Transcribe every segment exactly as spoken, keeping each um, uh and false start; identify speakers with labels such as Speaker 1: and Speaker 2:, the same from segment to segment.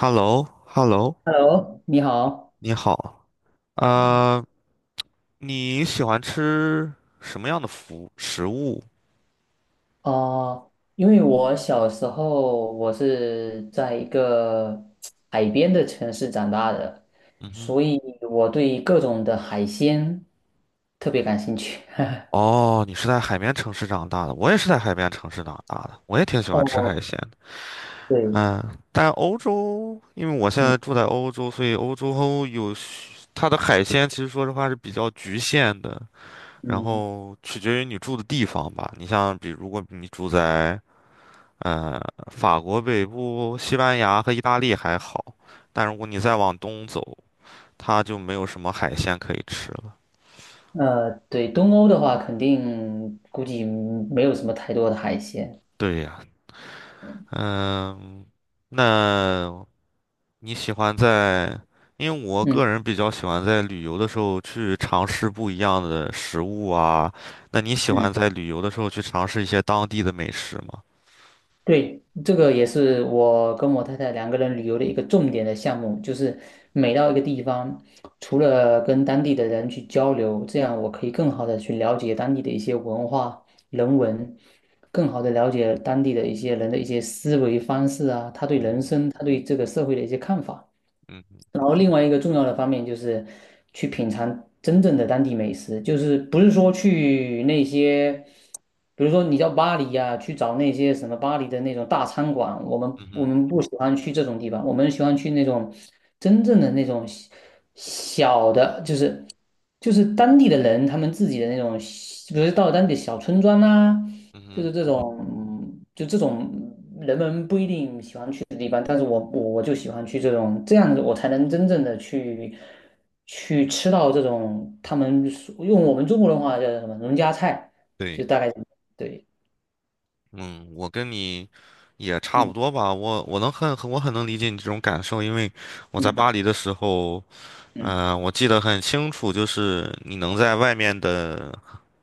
Speaker 1: h e l l o h e l l o
Speaker 2: Hello，你好。
Speaker 1: 你好，呃，你喜欢吃什么样的服食物？
Speaker 2: 啊！因为我小时候我是在一个海边的城市长大的，
Speaker 1: 嗯哼。
Speaker 2: 所以我对各种的海鲜特别感兴趣。
Speaker 1: 哦，你是在海边城市长大的，我也是在海边城市长大的，我也挺喜欢吃海
Speaker 2: 哦，
Speaker 1: 鲜的。
Speaker 2: 对，
Speaker 1: 嗯，但欧洲，因为我现
Speaker 2: 嗯
Speaker 1: 在住在欧洲，所以欧洲有许它的海鲜，其实说实话是比较局限的，然
Speaker 2: 嗯，
Speaker 1: 后取决于你住的地方吧。你像比如如果你住在呃，法国北部、西班牙和意大利还好，但如果你再往东走，它就没有什么海鲜可以吃了。
Speaker 2: 呃，对，东欧的话，肯定估计没有什么太多的海鲜。
Speaker 1: 对呀。嗯。那你喜欢在？因为我
Speaker 2: 嗯
Speaker 1: 个人比较喜欢在旅游的时候去尝试不一样的食物啊。那你喜
Speaker 2: 嗯。
Speaker 1: 欢在旅游的时候去尝试一些当地的美食吗？
Speaker 2: 对，这个也是我跟我太太两个人旅游的一个重点的项目，就是每到一个地方，除了跟当地的人去交流，这样我可以更好的去了解当地的一些文化、人文，更好的了解当地的一些人的一些思维方式啊，他对
Speaker 1: 嗯
Speaker 2: 人
Speaker 1: 哼。
Speaker 2: 生、他对这个社会的一些看法。
Speaker 1: 嗯哼。
Speaker 2: 然后另外一个重要的方面就是去品尝真正的当地美食，就是不是说去那些，比如说你到巴黎呀、去找那些什么巴黎的那种大餐馆，我们
Speaker 1: 嗯
Speaker 2: 我
Speaker 1: 哼。
Speaker 2: 们不喜欢去这种地方，我们喜欢去那种真正的那种小小的，就是就是当地的人他们自己的那种，比如到当地小村庄啊，
Speaker 1: 嗯
Speaker 2: 就
Speaker 1: 哼。
Speaker 2: 是这种就这种。定喜欢去的地方，但是我我我就喜欢去这种这样子，我才能真正的去去吃到这种他们所用我们中国的话叫什么农家菜，就
Speaker 1: 对。
Speaker 2: 大概对，
Speaker 1: 嗯，我跟你也差不
Speaker 2: 嗯
Speaker 1: 多吧。我我能很很我很能理解你这种感受，因为我在巴
Speaker 2: 嗯
Speaker 1: 黎的时候，
Speaker 2: 嗯
Speaker 1: 呃，我记得很清楚，就是你能在外面的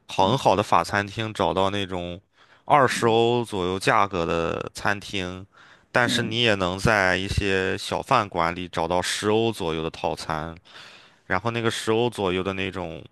Speaker 1: 好很
Speaker 2: 嗯
Speaker 1: 好的法餐厅找到那种二十欧左右价格的餐厅，但是
Speaker 2: 嗯，
Speaker 1: 你也能在一些小饭馆里找到十欧左右的套餐。然后那个十欧左右的那种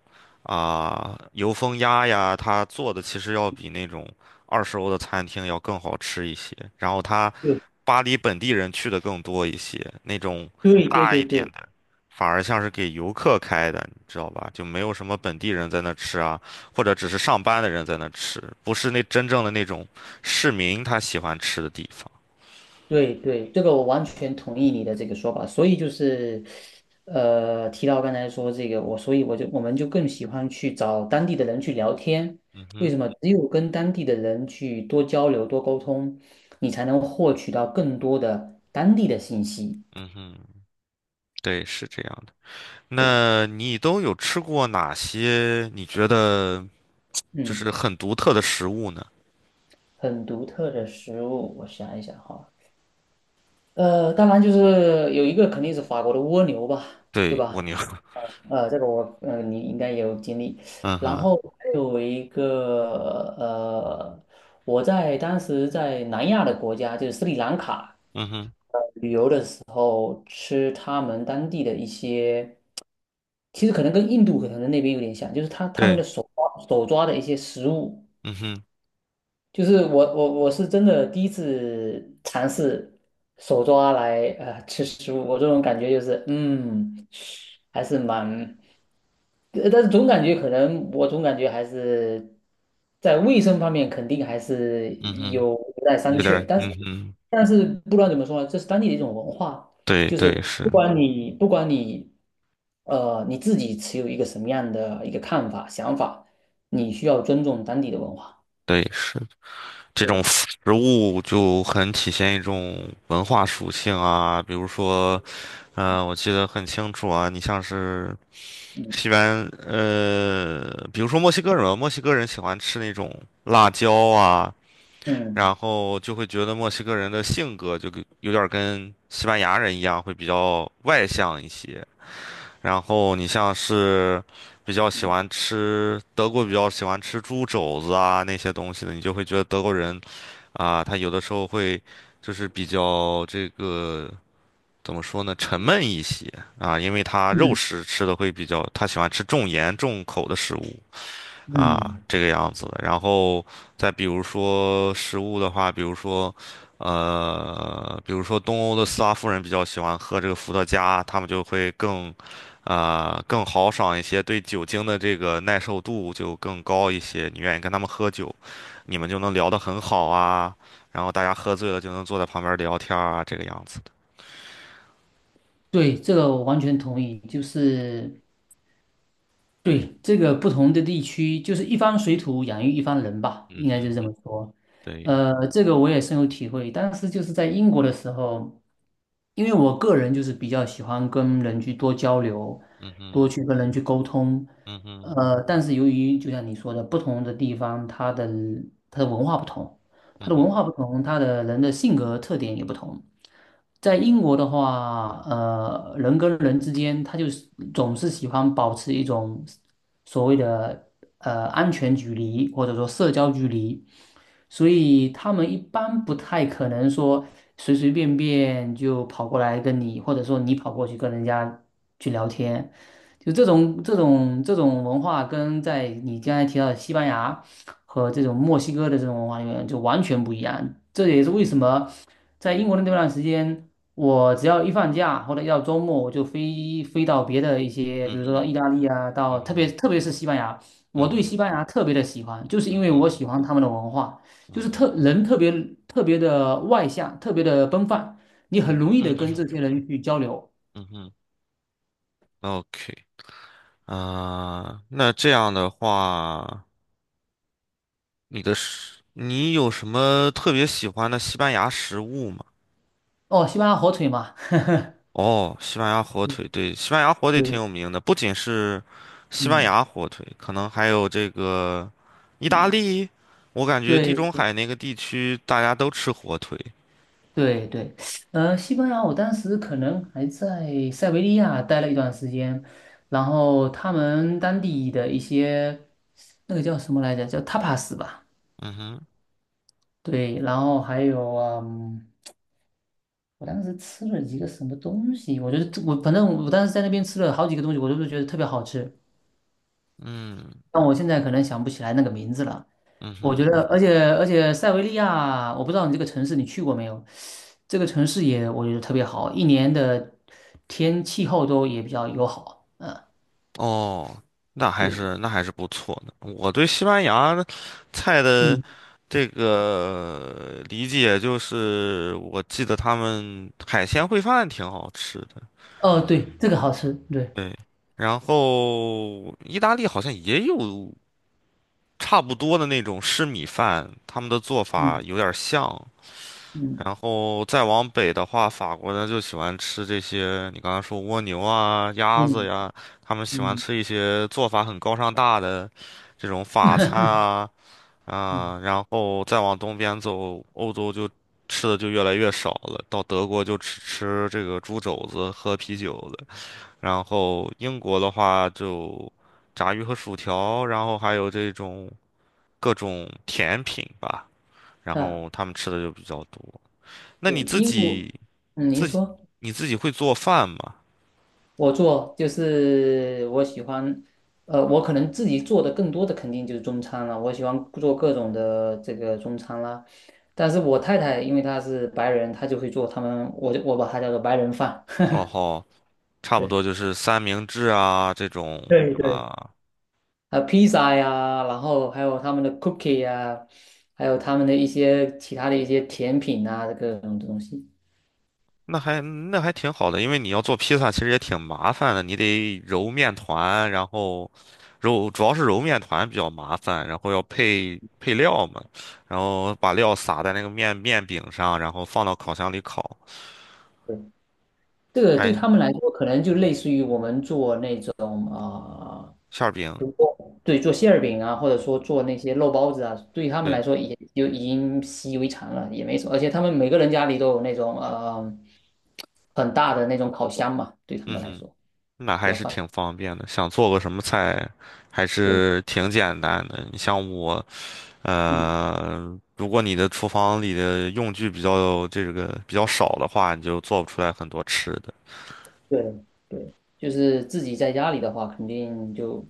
Speaker 1: 啊、油封鸭呀，它做的其实要比那种二十欧的餐厅要更好吃一些。然后它
Speaker 2: 对
Speaker 1: 巴黎本地人去的更多一些，那种
Speaker 2: 对对
Speaker 1: 大
Speaker 2: 对
Speaker 1: 一点
Speaker 2: 对。
Speaker 1: 的反而像是给游客开的，你知道吧？就没有什么本地人在那吃啊，或者只是上班的人在那吃，不是那真正的那种市民他喜欢吃的地方。
Speaker 2: 对对，这个我完全同意你的这个说法，所以就是，呃，提到刚才说这个，我所以我就我们就更喜欢去找当地的人去聊天，
Speaker 1: 嗯
Speaker 2: 为
Speaker 1: 哼。
Speaker 2: 什么？只有跟当地的人去多交流、多沟通，你才能获取到更多的当地的信息。
Speaker 1: 嗯哼。对，是这样的。那你都有吃过哪些你觉得就
Speaker 2: 嗯，
Speaker 1: 是很独特的食物呢？
Speaker 2: 很独特的食物，我想一想哈，呃，当然就是有一个肯定是法国的蜗牛吧，对
Speaker 1: 对，
Speaker 2: 吧？
Speaker 1: 蜗牛。
Speaker 2: 呃，这个我呃，你应该也有经历。
Speaker 1: 嗯
Speaker 2: 然
Speaker 1: 哼。
Speaker 2: 后还有一个呃，我在当时在南亚的国家，就是斯里兰卡，
Speaker 1: 嗯哼。
Speaker 2: 吃他们当地的一些，其实可能跟印度可能那边有点像，就是他他们的
Speaker 1: 对。
Speaker 2: 手抓手抓的一些食物，
Speaker 1: 嗯哼。
Speaker 2: 就是我我我是真的第一次尝试手抓来呃吃食物，我这种感觉就是嗯，还是蛮，呃但是总感觉可能我总感觉还是在卫生方面肯定还是
Speaker 1: 嗯哼。
Speaker 2: 有待商
Speaker 1: 有点
Speaker 2: 榷，
Speaker 1: 儿。
Speaker 2: 但是
Speaker 1: 嗯哼。
Speaker 2: 但是不管怎么说呢，这是当地的一种文化，
Speaker 1: 对
Speaker 2: 就是
Speaker 1: 对
Speaker 2: 不
Speaker 1: 是。
Speaker 2: 管你不管你呃你自己持有一个什么样的一个看法想法，你需要尊重当地的文化。
Speaker 1: 对是，这种
Speaker 2: 对。
Speaker 1: 食物就很体现一种文化属性啊，比如说，呃，我记得很清楚啊，你像是西
Speaker 2: 嗯。
Speaker 1: 班，呃，比如说墨西哥人，墨西哥人喜欢吃那种辣椒啊。
Speaker 2: 嗯
Speaker 1: 然后就会觉得墨西哥人的性格就跟有点儿跟西班牙人一样，会比较外向一些。然后你像是比较喜
Speaker 2: 嗯
Speaker 1: 欢吃德国比较喜欢吃猪肘子啊那些东西的，你就会觉得德国人啊，他有的时候会就是比较这个怎么说呢，沉闷一些啊，因为他肉
Speaker 2: 嗯
Speaker 1: 食吃的会比较，他喜欢吃重盐重口的食物。啊，
Speaker 2: 嗯，
Speaker 1: 这个样子的。然后再比如说食物的话，比如说，呃，比如说东欧的斯拉夫人比较喜欢喝这个伏特加，他们就会更，啊、更豪爽一些，对酒精的这个耐受度就更高一些。你愿意跟他们喝酒，你们就能聊得很好啊。然后大家喝醉了就能坐在旁边聊天儿啊，这个样子的。
Speaker 2: 对，这个我完全同意，就是对这个不同的地区，就是一方水土养育一方人吧，
Speaker 1: 嗯
Speaker 2: 应该就是这
Speaker 1: 哼。
Speaker 2: 么说。
Speaker 1: 对。
Speaker 2: 呃，这个我也深有体会。当时就是在英国的时候，因为我个人就是比较喜欢跟人去多交流，
Speaker 1: 嗯
Speaker 2: 多
Speaker 1: 哼。
Speaker 2: 去跟人去沟通。
Speaker 1: 嗯哼。
Speaker 2: 呃，但是由于就像你说的，不同的地方它的它的文化不同。它
Speaker 1: 嗯
Speaker 2: 的文
Speaker 1: 哼。
Speaker 2: 化不同，它的人的性格特点也不同。在英国的话，呃，人跟人之间，他就是总是喜欢保持一种所谓的呃安全距离，或者说社交距离，所以他们一般不太可能说随随便便就跑过来跟你，或者说你跑过去跟人家去聊天，就这种这种这种文化跟在你刚才提到的西班牙。和这种墨西哥的这种文化里面就完全不一样。这也是为什么在英国的那段时间，我只要一放假或者一到周末，我就飞飞到别的一些，比
Speaker 1: 嗯
Speaker 2: 如说到意
Speaker 1: 哼。
Speaker 2: 大利啊，到
Speaker 1: 嗯
Speaker 2: 特别
Speaker 1: 哼。
Speaker 2: 特别是西班牙，我
Speaker 1: 嗯
Speaker 2: 对
Speaker 1: 哼。
Speaker 2: 西班牙特别的喜欢，就是
Speaker 1: 嗯
Speaker 2: 因为
Speaker 1: 哼。
Speaker 2: 我喜欢他们的文化，
Speaker 1: 嗯哼。
Speaker 2: 就
Speaker 1: 嗯
Speaker 2: 是特
Speaker 1: 哼
Speaker 2: 人特别特别的外向，特别的奔放，你
Speaker 1: 嗯
Speaker 2: 很容易的跟这些
Speaker 1: 哼
Speaker 2: 人去交流。
Speaker 1: 嗯哼，，O K。啊、那这样的话，你的食，你有什么特别喜欢的西班牙食物吗？
Speaker 2: 哦，西班牙火腿嘛，
Speaker 1: 哦，西班牙火腿，对，西班牙火腿挺
Speaker 2: 对，
Speaker 1: 有名的，不仅是西班
Speaker 2: 嗯
Speaker 1: 牙火腿，可能还有这个意大
Speaker 2: 嗯，
Speaker 1: 利，我感觉地中
Speaker 2: 对。
Speaker 1: 海那个地区大家都吃火腿。
Speaker 2: 对对，呃，西班牙，我当时可能还在塞维利亚待了一段时间，然后他们当地的一些那个叫什么来着，叫 tapas 吧，
Speaker 1: 嗯哼。
Speaker 2: 对，然后还有嗯，我当时吃了几个什么东西，我觉得我反正我当时在那边吃了好几个东西，我都是觉得特别好吃，
Speaker 1: 嗯。
Speaker 2: 但我现在可能想不起来那个名字了。
Speaker 1: 嗯
Speaker 2: 我觉
Speaker 1: 哼。
Speaker 2: 得，而且而且塞维利亚，我不知道你这个城市你去过没有？这个城市也我觉得特别好，一年的天气候都也比较友好。嗯，
Speaker 1: 哦，那还
Speaker 2: 对，
Speaker 1: 是那还是不错的。我对西班牙菜的
Speaker 2: 嗯，
Speaker 1: 这个理解就是，我记得他们海鲜烩饭挺好吃的，
Speaker 2: 哦，对，这个好吃，对，
Speaker 1: 对。然后意大利好像也有差不多的那种湿米饭，他们的做法
Speaker 2: 嗯
Speaker 1: 有点像。
Speaker 2: 嗯
Speaker 1: 然后再往北的话，法国人就喜欢吃这些，你刚才说蜗牛啊、鸭子
Speaker 2: 嗯
Speaker 1: 呀，他们喜欢
Speaker 2: 嗯
Speaker 1: 吃一些做法很高尚大的这种 法餐
Speaker 2: 嗯，
Speaker 1: 啊
Speaker 2: 嗯，
Speaker 1: 啊。然后再往东边走，欧洲就吃的就越来越少了，到德国就只吃这个猪肘子、喝啤酒了。然后英国的话就炸鱼和薯条，然后还有这种各种甜品吧，然
Speaker 2: 呃
Speaker 1: 后他们吃的就比较多。那
Speaker 2: 对，
Speaker 1: 你自
Speaker 2: 英国，
Speaker 1: 己？
Speaker 2: 嗯，您
Speaker 1: 自己
Speaker 2: 说，
Speaker 1: 你自己会做饭吗？
Speaker 2: 我做就是我喜欢，呃，我可能自己做的更多的肯定就是中餐了，我喜欢做各种的这个中餐啦。但是我太太因为她是白人，她就会做他们，我就我把它叫做白人饭。
Speaker 1: 哦 吼，差不
Speaker 2: 对。
Speaker 1: 多就是三明治啊这种
Speaker 2: 对对
Speaker 1: 啊，
Speaker 2: 呃披萨呀，然后还有他们的 cookie 呀，还有他们的一些其他的一些甜品啊，各种东西。
Speaker 1: 那还那还挺好的，因为你要做披萨其实也挺麻烦的，你得揉面团，然后揉主要是揉面团比较麻烦，然后要配配料嘛，然后把料撒在那个面面饼上，然后放到烤箱里烤，
Speaker 2: 对，这个对
Speaker 1: 还
Speaker 2: 他们来说，可能就类似于我们做那种啊，
Speaker 1: 馅儿
Speaker 2: 比
Speaker 1: 饼，
Speaker 2: 如说对做馅儿饼啊，或者说做那些肉包子啊，对他们来
Speaker 1: 对。
Speaker 2: 说也就已经习以为常了，也没什么。而且他们每个人家里都有那种呃很大的那种烤箱嘛，对他
Speaker 1: 嗯
Speaker 2: 们来
Speaker 1: 哼。
Speaker 2: 说
Speaker 1: 那
Speaker 2: 比
Speaker 1: 还
Speaker 2: 较
Speaker 1: 是
Speaker 2: 方
Speaker 1: 挺方便的，想做个什么菜，还
Speaker 2: 便。对，
Speaker 1: 是挺简单的。你像我，
Speaker 2: 嗯。
Speaker 1: 呃，如果你的厨房里的用具比较这个比较少的话，你就做不出来很多吃的。
Speaker 2: 对对，就是自己在家里的话，肯定就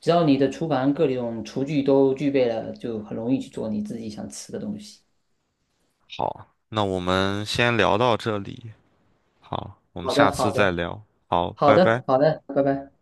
Speaker 2: 只要你的厨房各种厨具都具备了，就很容易去做你自己想吃的东西。
Speaker 1: 好，那我们先聊到这里。好，我们
Speaker 2: 好
Speaker 1: 下
Speaker 2: 的，
Speaker 1: 次
Speaker 2: 好
Speaker 1: 再
Speaker 2: 的，
Speaker 1: 聊。好，
Speaker 2: 好
Speaker 1: 拜拜。
Speaker 2: 的，好的，拜拜。